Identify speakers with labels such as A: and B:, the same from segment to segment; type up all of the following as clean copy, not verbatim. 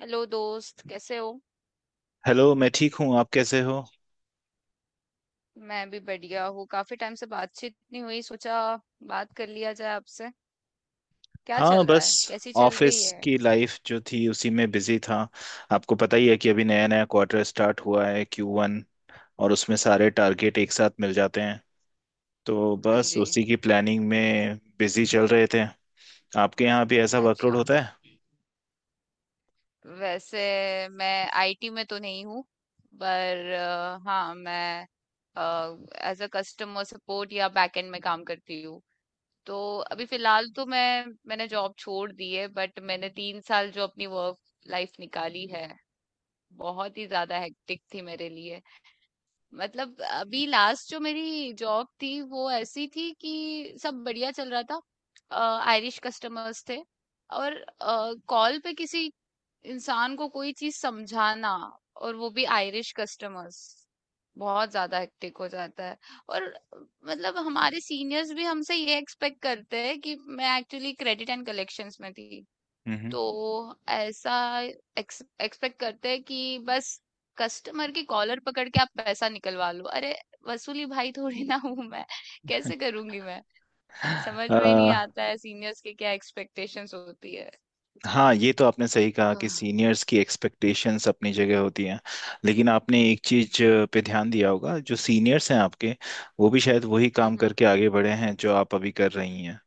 A: Hello दोस्त, कैसे हो।
B: हेलो। मैं ठीक हूँ, आप कैसे हो।
A: मैं भी बढ़िया हूँ। काफी टाइम से बातचीत नहीं हुई, सोचा बात कर लिया जाए आपसे। क्या
B: हाँ
A: चल रहा
B: बस,
A: है, कैसी चल
B: ऑफिस
A: रही है।
B: की लाइफ जो थी उसी में बिजी था। आपको पता ही है कि अभी नया नया क्वार्टर स्टार्ट हुआ है, क्यू वन। और उसमें सारे टारगेट एक साथ मिल जाते हैं, तो
A: हाँ
B: बस
A: जी।
B: उसी की प्लानिंग में बिजी चल रहे थे। आपके यहाँ भी ऐसा वर्कलोड
A: अच्छा,
B: होता है?
A: वैसे मैं आईटी में तो नहीं हूँ, पर हाँ मैं एज अ कस्टमर सपोर्ट या बैकएंड में काम करती हूँ। तो अभी फिलहाल तो मैंने जॉब छोड़ दी है, बट मैंने तीन साल जो अपनी वर्क लाइफ निकाली है, बहुत ही ज्यादा हेक्टिक थी मेरे लिए। मतलब अभी लास्ट जो मेरी जॉब थी, वो ऐसी थी कि सब बढ़िया चल रहा था। आयरिश कस्टमर्स थे, और कॉल पे किसी इंसान को कोई चीज समझाना, और वो भी आयरिश कस्टमर्स, बहुत ज्यादा हेक्टिक हो जाता है। और मतलब हमारे सीनियर्स भी हमसे ये एक्सपेक्ट करते हैं कि मैं एक्चुअली क्रेडिट एंड कलेक्शंस में थी।
B: हम्म।
A: तो ऐसा एक्सपेक्ट करते हैं कि बस कस्टमर की कॉलर पकड़ के आप पैसा निकलवा लो। अरे, वसूली भाई थोड़ी ना हूं मैं, कैसे करूंगी मैं। समझ में ही नहीं आता है सीनियर्स के क्या एक्सपेक्टेशंस होती है।
B: हाँ, ये तो आपने सही कहा कि
A: हाँ।
B: सीनियर्स की एक्सपेक्टेशंस अपनी जगह होती हैं। लेकिन आपने एक चीज पे ध्यान दिया होगा, जो सीनियर्स हैं आपके, वो भी शायद वही काम
A: हम्म, हम्म।
B: करके आगे बढ़े हैं जो आप अभी कर रही हैं।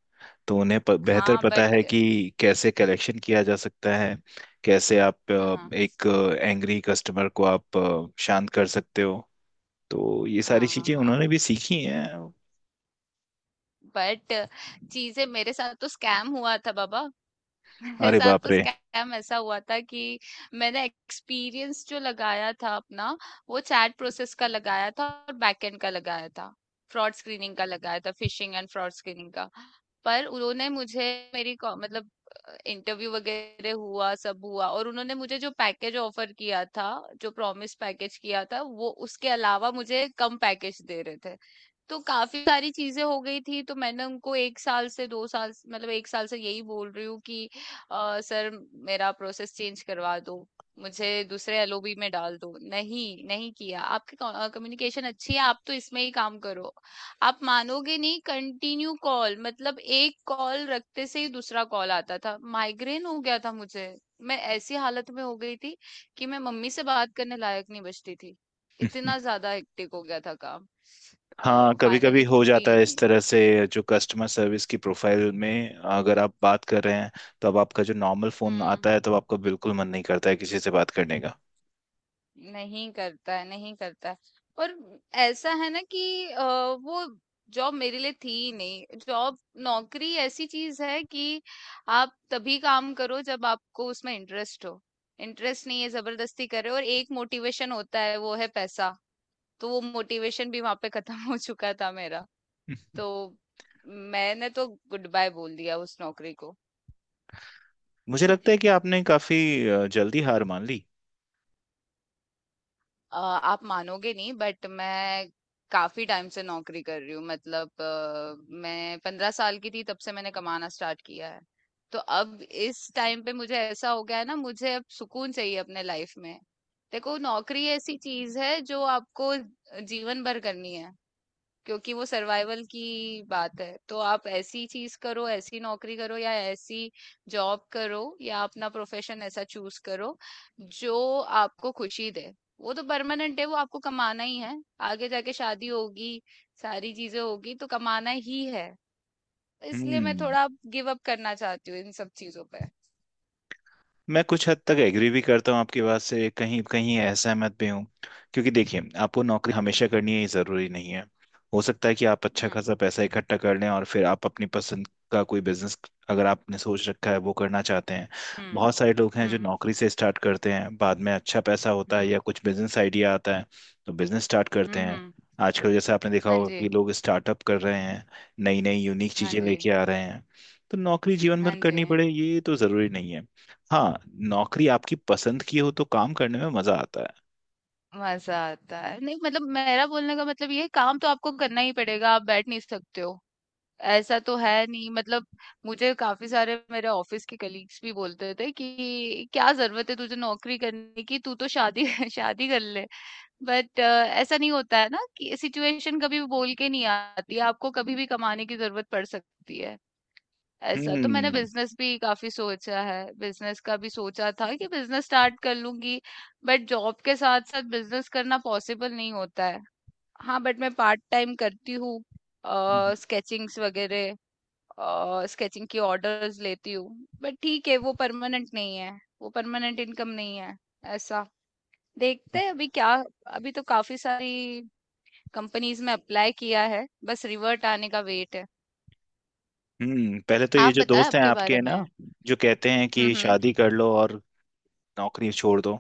B: तो उन्हें बेहतर
A: हाँ,
B: पता है
A: बट
B: कि कैसे कलेक्शन किया जा सकता है, कैसे आप
A: हाँ, हाँ।
B: एक एंग्री कस्टमर को आप शांत कर सकते हो। तो ये सारी
A: हाँ,
B: चीजें
A: हाँ,
B: उन्होंने भी सीखी हैं।
A: बट चीजें मेरे साथ तो स्कैम हुआ था, बाबा। मेरे
B: अरे
A: साथ
B: बाप
A: तो
B: रे।
A: स्कैम ऐसा हुआ था कि मैंने एक्सपीरियंस जो लगाया था अपना, वो चैट प्रोसेस का लगाया था और बैकएंड का लगाया था, फ्रॉड स्क्रीनिंग का लगाया था, फिशिंग एंड फ्रॉड स्क्रीनिंग का। पर उन्होंने मुझे मतलब इंटरव्यू वगैरह हुआ, सब हुआ, और उन्होंने मुझे जो पैकेज ऑफर किया था, जो प्रॉमिस पैकेज किया था, वो उसके अलावा मुझे कम पैकेज दे रहे थे। तो काफी सारी चीजें हो गई थी, तो मैंने उनको एक साल से मतलब एक साल से यही बोल रही हूँ कि सर, मेरा प्रोसेस चेंज करवा दो, मुझे दूसरे एलओबी में डाल दो। नहीं, नहीं किया। आपकी कम्युनिकेशन अच्छी है, आप तो इसमें ही काम करो। आप मानोगे नहीं, कंटिन्यू कॉल, मतलब एक कॉल रखते से ही दूसरा कॉल आता था। माइग्रेन हो गया था मुझे, मैं ऐसी हालत में हो गई थी कि मैं मम्मी से बात करने लायक नहीं बचती थी। इतना ज्यादा हेक्टिक हो गया था काम।
B: हाँ, कभी कभी
A: फाइनली
B: हो
A: छूटी।
B: जाता है इस तरह से। जो कस्टमर सर्विस की प्रोफाइल में अगर आप बात कर रहे हैं, तो अब आपका जो नॉर्मल फोन
A: हम्म।
B: आता है तो आपका बिल्कुल मन नहीं करता है किसी से बात करने का।
A: नहीं करता है, नहीं करता है। और ऐसा है ना कि वो जॉब मेरे लिए थी ही नहीं, जॉब, नौकरी ऐसी चीज है कि आप तभी काम करो जब आपको उसमें इंटरेस्ट हो। इंटरेस्ट नहीं है, जबरदस्ती कर रहे हो। और एक मोटिवेशन होता है, वो है पैसा। तो वो मोटिवेशन भी वहां पे खत्म हो चुका था मेरा। तो मैंने तो गुड बाय बोल दिया उस नौकरी को।
B: मुझे लगता है कि आपने काफी जल्दी हार मान ली।
A: आप मानोगे नहीं, बट मैं काफी टाइम से नौकरी कर रही हूँ, मतलब मैं 15 साल की थी तब से मैंने कमाना स्टार्ट किया है। तो अब इस टाइम पे मुझे ऐसा हो गया है ना, मुझे अब सुकून चाहिए अपने लाइफ में। देखो, नौकरी ऐसी चीज है जो आपको जीवन भर करनी है, क्योंकि वो सर्वाइवल की बात है। तो आप ऐसी चीज करो, ऐसी नौकरी करो या ऐसी जॉब करो, या अपना प्रोफेशन ऐसा चूज करो जो आपको खुशी दे। वो तो परमानेंट है, वो आपको कमाना ही है। आगे जाके शादी होगी, सारी चीजें होगी, तो कमाना ही है। इसलिए मैं
B: हम्म।
A: थोड़ा गिव अप करना चाहती हूँ इन सब चीजों पे।
B: मैं कुछ हद तक एग्री भी करता हूँ आपकी बात से, कहीं कहीं असहमत भी हूँ। क्योंकि देखिए, आपको नौकरी हमेशा करनी है ये ज़रूरी नहीं है। हो सकता है कि आप अच्छा
A: हम्म।
B: खासा पैसा इकट्ठा कर लें और फिर आप अपनी पसंद का कोई बिजनेस, अगर आपने सोच रखा है, वो करना चाहते हैं।
A: हम्म।
B: बहुत सारे लोग हैं जो
A: हम्म।
B: नौकरी से स्टार्ट करते हैं, बाद में अच्छा पैसा होता है
A: हम्म।
B: या कुछ बिजनेस आइडिया आता है, तो बिजनेस स्टार्ट करते
A: हम्म।
B: हैं।
A: हम्म।
B: आजकल जैसे आपने देखा
A: हाँ
B: होगा कि
A: जी।
B: लोग स्टार्टअप कर रहे हैं, नई नई यूनिक
A: हाँ
B: चीज़ें
A: जी।
B: लेके आ रहे हैं। तो नौकरी जीवन भर
A: हाँ जी।
B: करनी पड़े ये तो ज़रूरी नहीं है। हाँ, नौकरी आपकी पसंद की हो तो काम करने में मजा आता है।
A: मजा आता है। नहीं, मतलब मेरा बोलने का मतलब ये है, काम तो आपको करना ही पड़ेगा, आप बैठ नहीं सकते हो। ऐसा तो है नहीं, मतलब मुझे काफी सारे मेरे ऑफिस के कलीग्स भी बोलते थे कि क्या जरूरत है तुझे नौकरी करने की, तू तो शादी शादी कर ले। बट ऐसा नहीं होता है ना कि सिचुएशन कभी भी बोल के नहीं आती, आपको कभी भी कमाने की जरूरत पड़ सकती है। ऐसा तो मैंने
B: हम्म।
A: बिजनेस भी काफी सोचा है, बिजनेस का भी सोचा था कि बिजनेस स्टार्ट कर लूंगी, बट जॉब के साथ साथ बिजनेस करना पॉसिबल नहीं होता है। हाँ, बट मैं पार्ट टाइम करती हूँ, स्केचिंग्स वगैरह, स्केचिंग की ऑर्डर्स लेती हूँ। बट ठीक है, वो परमानेंट नहीं है, वो परमानेंट इनकम नहीं है। ऐसा, देखते हैं अभी क्या। अभी तो काफी सारी कंपनीज में अप्लाई किया है, बस रिवर्ट आने का वेट है।
B: हम्म, पहले तो ये
A: आप
B: जो
A: बताएं
B: दोस्त हैं
A: आपके
B: आपके,
A: बारे
B: है ना,
A: में।
B: जो कहते हैं कि
A: हम्म।
B: शादी
A: हम्म।
B: कर लो और नौकरी छोड़ दो,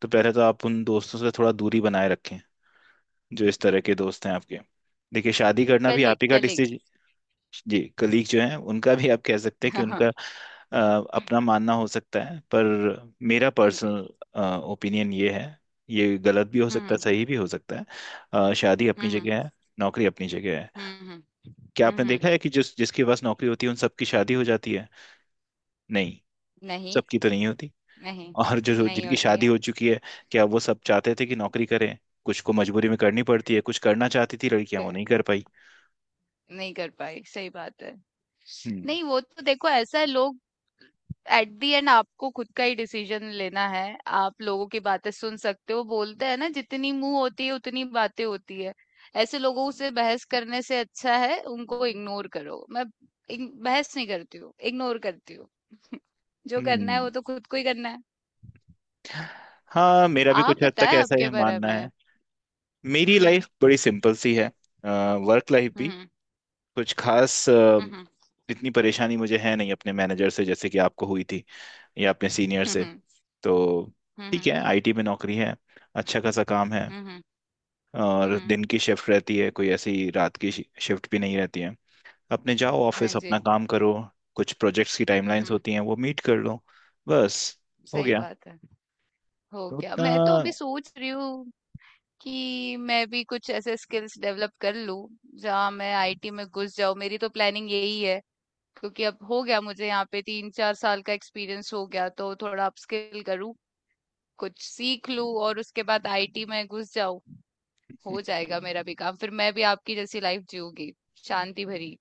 B: तो पहले तो आप उन दोस्तों से थोड़ा दूरी बनाए रखें, जो इस तरह के दोस्त हैं आपके। देखिए, शादी करना भी आप
A: कलीग,
B: ही का।
A: कलीग।
B: जी, कलीग जो हैं उनका भी, आप कह सकते हैं कि
A: हाँ,
B: उनका
A: हाँ।
B: अ, अपना मानना हो सकता है, पर मेरा
A: हाँ जी।
B: पर्सनल ओपिनियन ये है, ये गलत भी हो सकता है
A: हुँ,
B: सही भी हो सकता है। शादी
A: हुँ,
B: अपनी
A: हुँ,
B: जगह है, नौकरी अपनी जगह है।
A: हुँ, हुँ,
B: क्या
A: हुँ,
B: आपने
A: हुँ।
B: देखा है कि जिस जिसके पास नौकरी होती है उन सबकी शादी हो जाती है? नहीं,
A: नहीं,
B: सबकी तो नहीं होती।
A: नहीं,
B: और जो जो-
A: नहीं
B: जिनकी
A: होती
B: शादी
A: है।
B: हो चुकी है, क्या वो सब चाहते थे कि नौकरी करें? कुछ को मजबूरी में करनी पड़ती है, कुछ करना चाहती थी लड़कियां वो
A: क
B: नहीं कर पाई।
A: नहीं कर पाई, सही बात है।
B: हम्म।
A: नहीं, वो तो देखो, ऐसा है लोग, एट द एंड आपको खुद का ही डिसीजन लेना है। आप लोगों की बातें सुन सकते हो, बोलते हैं ना जितनी मुँह होती है उतनी बातें होती है। ऐसे लोगों से बहस करने से अच्छा है उनको इग्नोर करो। मैं इग बहस नहीं करती हूँ, इग्नोर करती हूँ। जो करना है
B: हम्म,
A: वो तो खुद को ही करना है।
B: हाँ, मेरा भी
A: आप
B: कुछ हद तक
A: बताएं
B: ऐसा
A: आपके
B: ही
A: बारे
B: मानना
A: में।
B: है। मेरी
A: हम्म।
B: लाइफ बड़ी सिंपल सी है, वर्क लाइफ भी।
A: हम्म।
B: कुछ खास
A: हम्म।
B: इतनी परेशानी मुझे है नहीं अपने मैनेजर से जैसे कि आपको हुई थी, या अपने सीनियर से।
A: हम्म।
B: तो ठीक
A: हम्म।
B: है, आईटी में नौकरी है, अच्छा खासा काम है,
A: हम्म।
B: और
A: हम्म।
B: दिन की शिफ्ट रहती है, कोई ऐसी रात की शिफ्ट भी नहीं रहती है। अपने जाओ
A: हाँ
B: ऑफिस,
A: जी।
B: अपना काम करो, कुछ प्रोजेक्ट्स की टाइमलाइंस
A: हम्म।
B: होती हैं वो मीट कर लो, बस, हो
A: सही
B: गया।
A: बात है। हो
B: तो
A: गया।
B: उतना।
A: मैं तो अभी सोच रही हूँ कि मैं भी कुछ ऐसे स्किल्स डेवलप कर लूँ जहाँ मैं आईटी में घुस जाऊँ, मेरी तो प्लानिंग यही है। क्योंकि अब हो गया, मुझे यहाँ पे 3-4 साल का एक्सपीरियंस हो गया, तो थोड़ा अपस्किल करूँ, कुछ सीख लूँ और उसके बाद आईटी में घुस जाऊँ। हो जाएगा मेरा भी काम, फिर मैं भी आपकी जैसी लाइफ जीऊंगी, शांति भरी।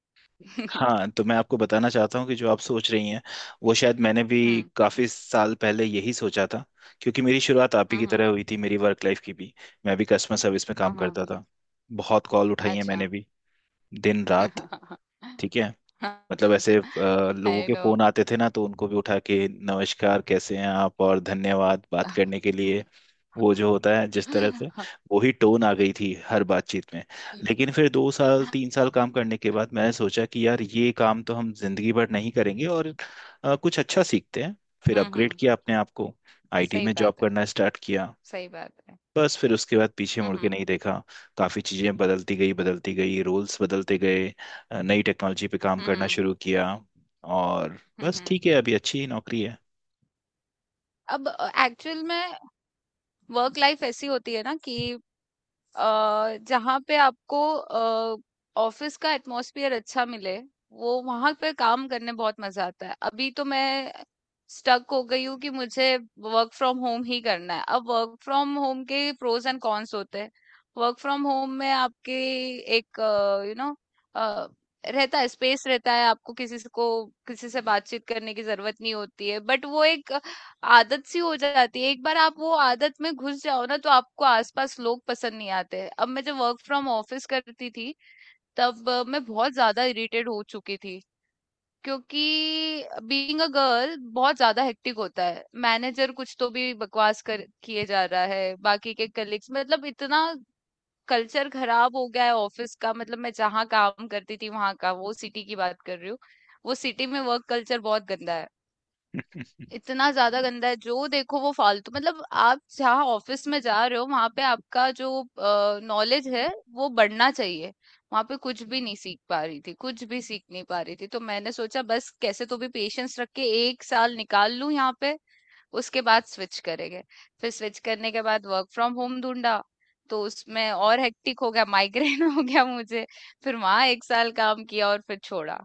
B: हाँ, तो मैं आपको बताना चाहता हूँ कि जो आप सोच रही हैं, वो शायद मैंने भी
A: हुँ।
B: काफ़ी साल पहले यही सोचा था। क्योंकि मेरी शुरुआत आप ही
A: हाँ,
B: की
A: हाँ।
B: तरह हुई थी, मेरी वर्क लाइफ की भी। मैं भी कस्टमर सर्विस में
A: हाँ,
B: काम
A: हाँ।
B: करता था, बहुत कॉल उठाई है
A: अच्छा।
B: मैंने भी, दिन रात। ठीक है, मतलब ऐसे लोगों
A: आई
B: के
A: नो।
B: फोन आते थे ना, तो उनको भी उठा के नमस्कार कैसे हैं आप, और धन्यवाद बात करने के लिए। वो जो होता है जिस तरह से, वही टोन आ गई थी हर बातचीत में। लेकिन फिर 2 साल 3 साल काम करने के बाद मैंने सोचा कि यार ये काम तो हम जिंदगी भर नहीं करेंगे, और कुछ अच्छा सीखते हैं। फिर
A: हुँ,
B: अपग्रेड
A: हुँ।
B: किया अपने आप को, आईटी
A: सही
B: में जॉब
A: बात है,
B: करना स्टार्ट किया।
A: सही बात है।
B: बस फिर उसके बाद पीछे
A: हुँ,
B: मुड़ के
A: हुँ।
B: नहीं देखा। काफ़ी चीज़ें बदलती गई, रूल्स बदलते गए, नई टेक्नोलॉजी पे काम
A: हुँ,
B: करना
A: हुँ।
B: शुरू किया, और
A: हुँ,
B: बस
A: हुँ।
B: ठीक है, अभी अच्छी ही नौकरी है।
A: अब एक्चुअल में वर्क लाइफ़ ऐसी होती है ना कि जहाँ पे आपको ऑफिस का एटमॉस्फेयर अच्छा मिले, वो वहां पे काम करने बहुत मजा आता है। अभी तो मैं स्टक हो गई हूँ कि मुझे वर्क फ्रॉम होम ही करना है। अब वर्क फ्रॉम होम के प्रोज एंड कॉन्स होते हैं। वर्क फ्रॉम होम में आपके एक यू नो रहता है, स्पेस रहता है, आपको को किसी से बातचीत करने की जरूरत नहीं होती है, बट वो एक आदत सी हो जाती है। एक बार आप वो आदत में घुस जाओ ना, तो आपको आसपास लोग पसंद नहीं आते हैं। अब मैं जब वर्क फ्रॉम ऑफिस करती थी, तब मैं बहुत ज्यादा इरिटेट हो चुकी थी, क्योंकि बीइंग अ गर्ल बहुत ज्यादा हेक्टिक होता है। मैनेजर कुछ तो भी बकवास कर किए जा रहा है, बाकी के कलीग्स, मतलब इतना कल्चर खराब हो गया है ऑफिस का, मतलब मैं जहाँ काम करती थी वहां का, वो सिटी की बात कर रही हूँ। वो सिटी में वर्क कल्चर बहुत गंदा है। इतना ज्यादा गंदा है, जो देखो वो फालतू, मतलब आप जहाँ ऑफिस में जा रहे हो वहां पे आपका जो नॉलेज है वो बढ़ना चाहिए। वहां पे कुछ भी नहीं सीख पा रही थी, कुछ भी सीख नहीं पा रही थी, तो मैंने सोचा बस कैसे तो भी पेशेंस रख के एक साल निकाल लूं यहाँ पे, उसके बाद स्विच करेंगे। फिर स्विच करने के बाद वर्क फ्रॉम होम ढूंढा, तो उसमें और हेक्टिक हो गया, माइग्रेन हो गया मुझे। फिर वहां एक साल काम किया और फिर छोड़ा।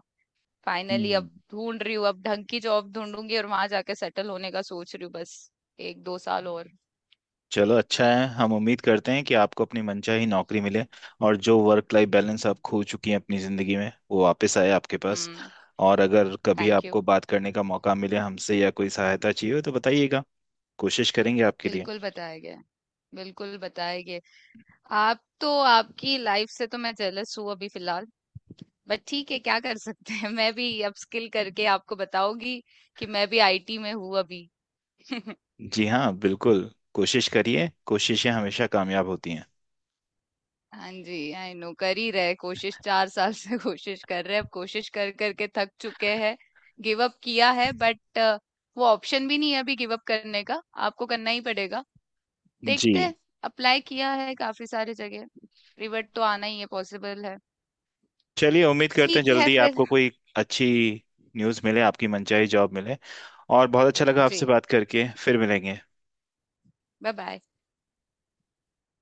A: फाइनली
B: हम्म।
A: अब ढूंढ रही हूँ, अब ढंग की जॉब ढूंढूंगी और वहां जाके सेटल होने का सोच रही हूँ, बस 1-2 साल और।
B: चलो अच्छा है, हम उम्मीद करते हैं कि आपको अपनी मनचाही नौकरी मिले, और जो वर्क लाइफ बैलेंस आप खो चुकी हैं अपनी ज़िंदगी में वो वापस आए आपके पास।
A: हम्म।
B: और अगर कभी
A: थैंक यू।
B: आपको बात करने का मौका मिले हमसे या कोई सहायता चाहिए हो तो बताइएगा, कोशिश करेंगे आपके लिए।
A: बिल्कुल बताएंगे, बिल्कुल बताएंगे। आप तो, आपकी लाइफ से तो मैं जेलस हूँ अभी फिलहाल, बट ठीक है, क्या कर सकते हैं। मैं भी अपस्किल करके आपको बताऊंगी कि मैं भी आईटी में हूँ अभी।
B: जी हाँ बिल्कुल, कोशिश करिए, कोशिशें हमेशा कामयाब होती हैं।
A: हाँ जी, आई नो, कर ही रहे कोशिश 4 साल से। कोशिश कर रहे हैं, अब कोशिश कर करके थक चुके हैं, गिव अप किया है, बट वो ऑप्शन भी नहीं है अभी गिव अप करने का, आपको करना ही पड़ेगा। देखते
B: जी।
A: हैं, अप्लाई किया है काफी सारी जगह, रिवर्ट तो आना ही है, पॉसिबल है।
B: चलिए, उम्मीद करते हैं
A: ठीक है
B: जल्दी
A: फिर।
B: आपको कोई अच्छी न्यूज़ मिले, आपकी मनचाही जॉब मिले। और बहुत अच्छा लगा
A: जी,
B: आपसे बात करके, फिर मिलेंगे।
A: Bye bye.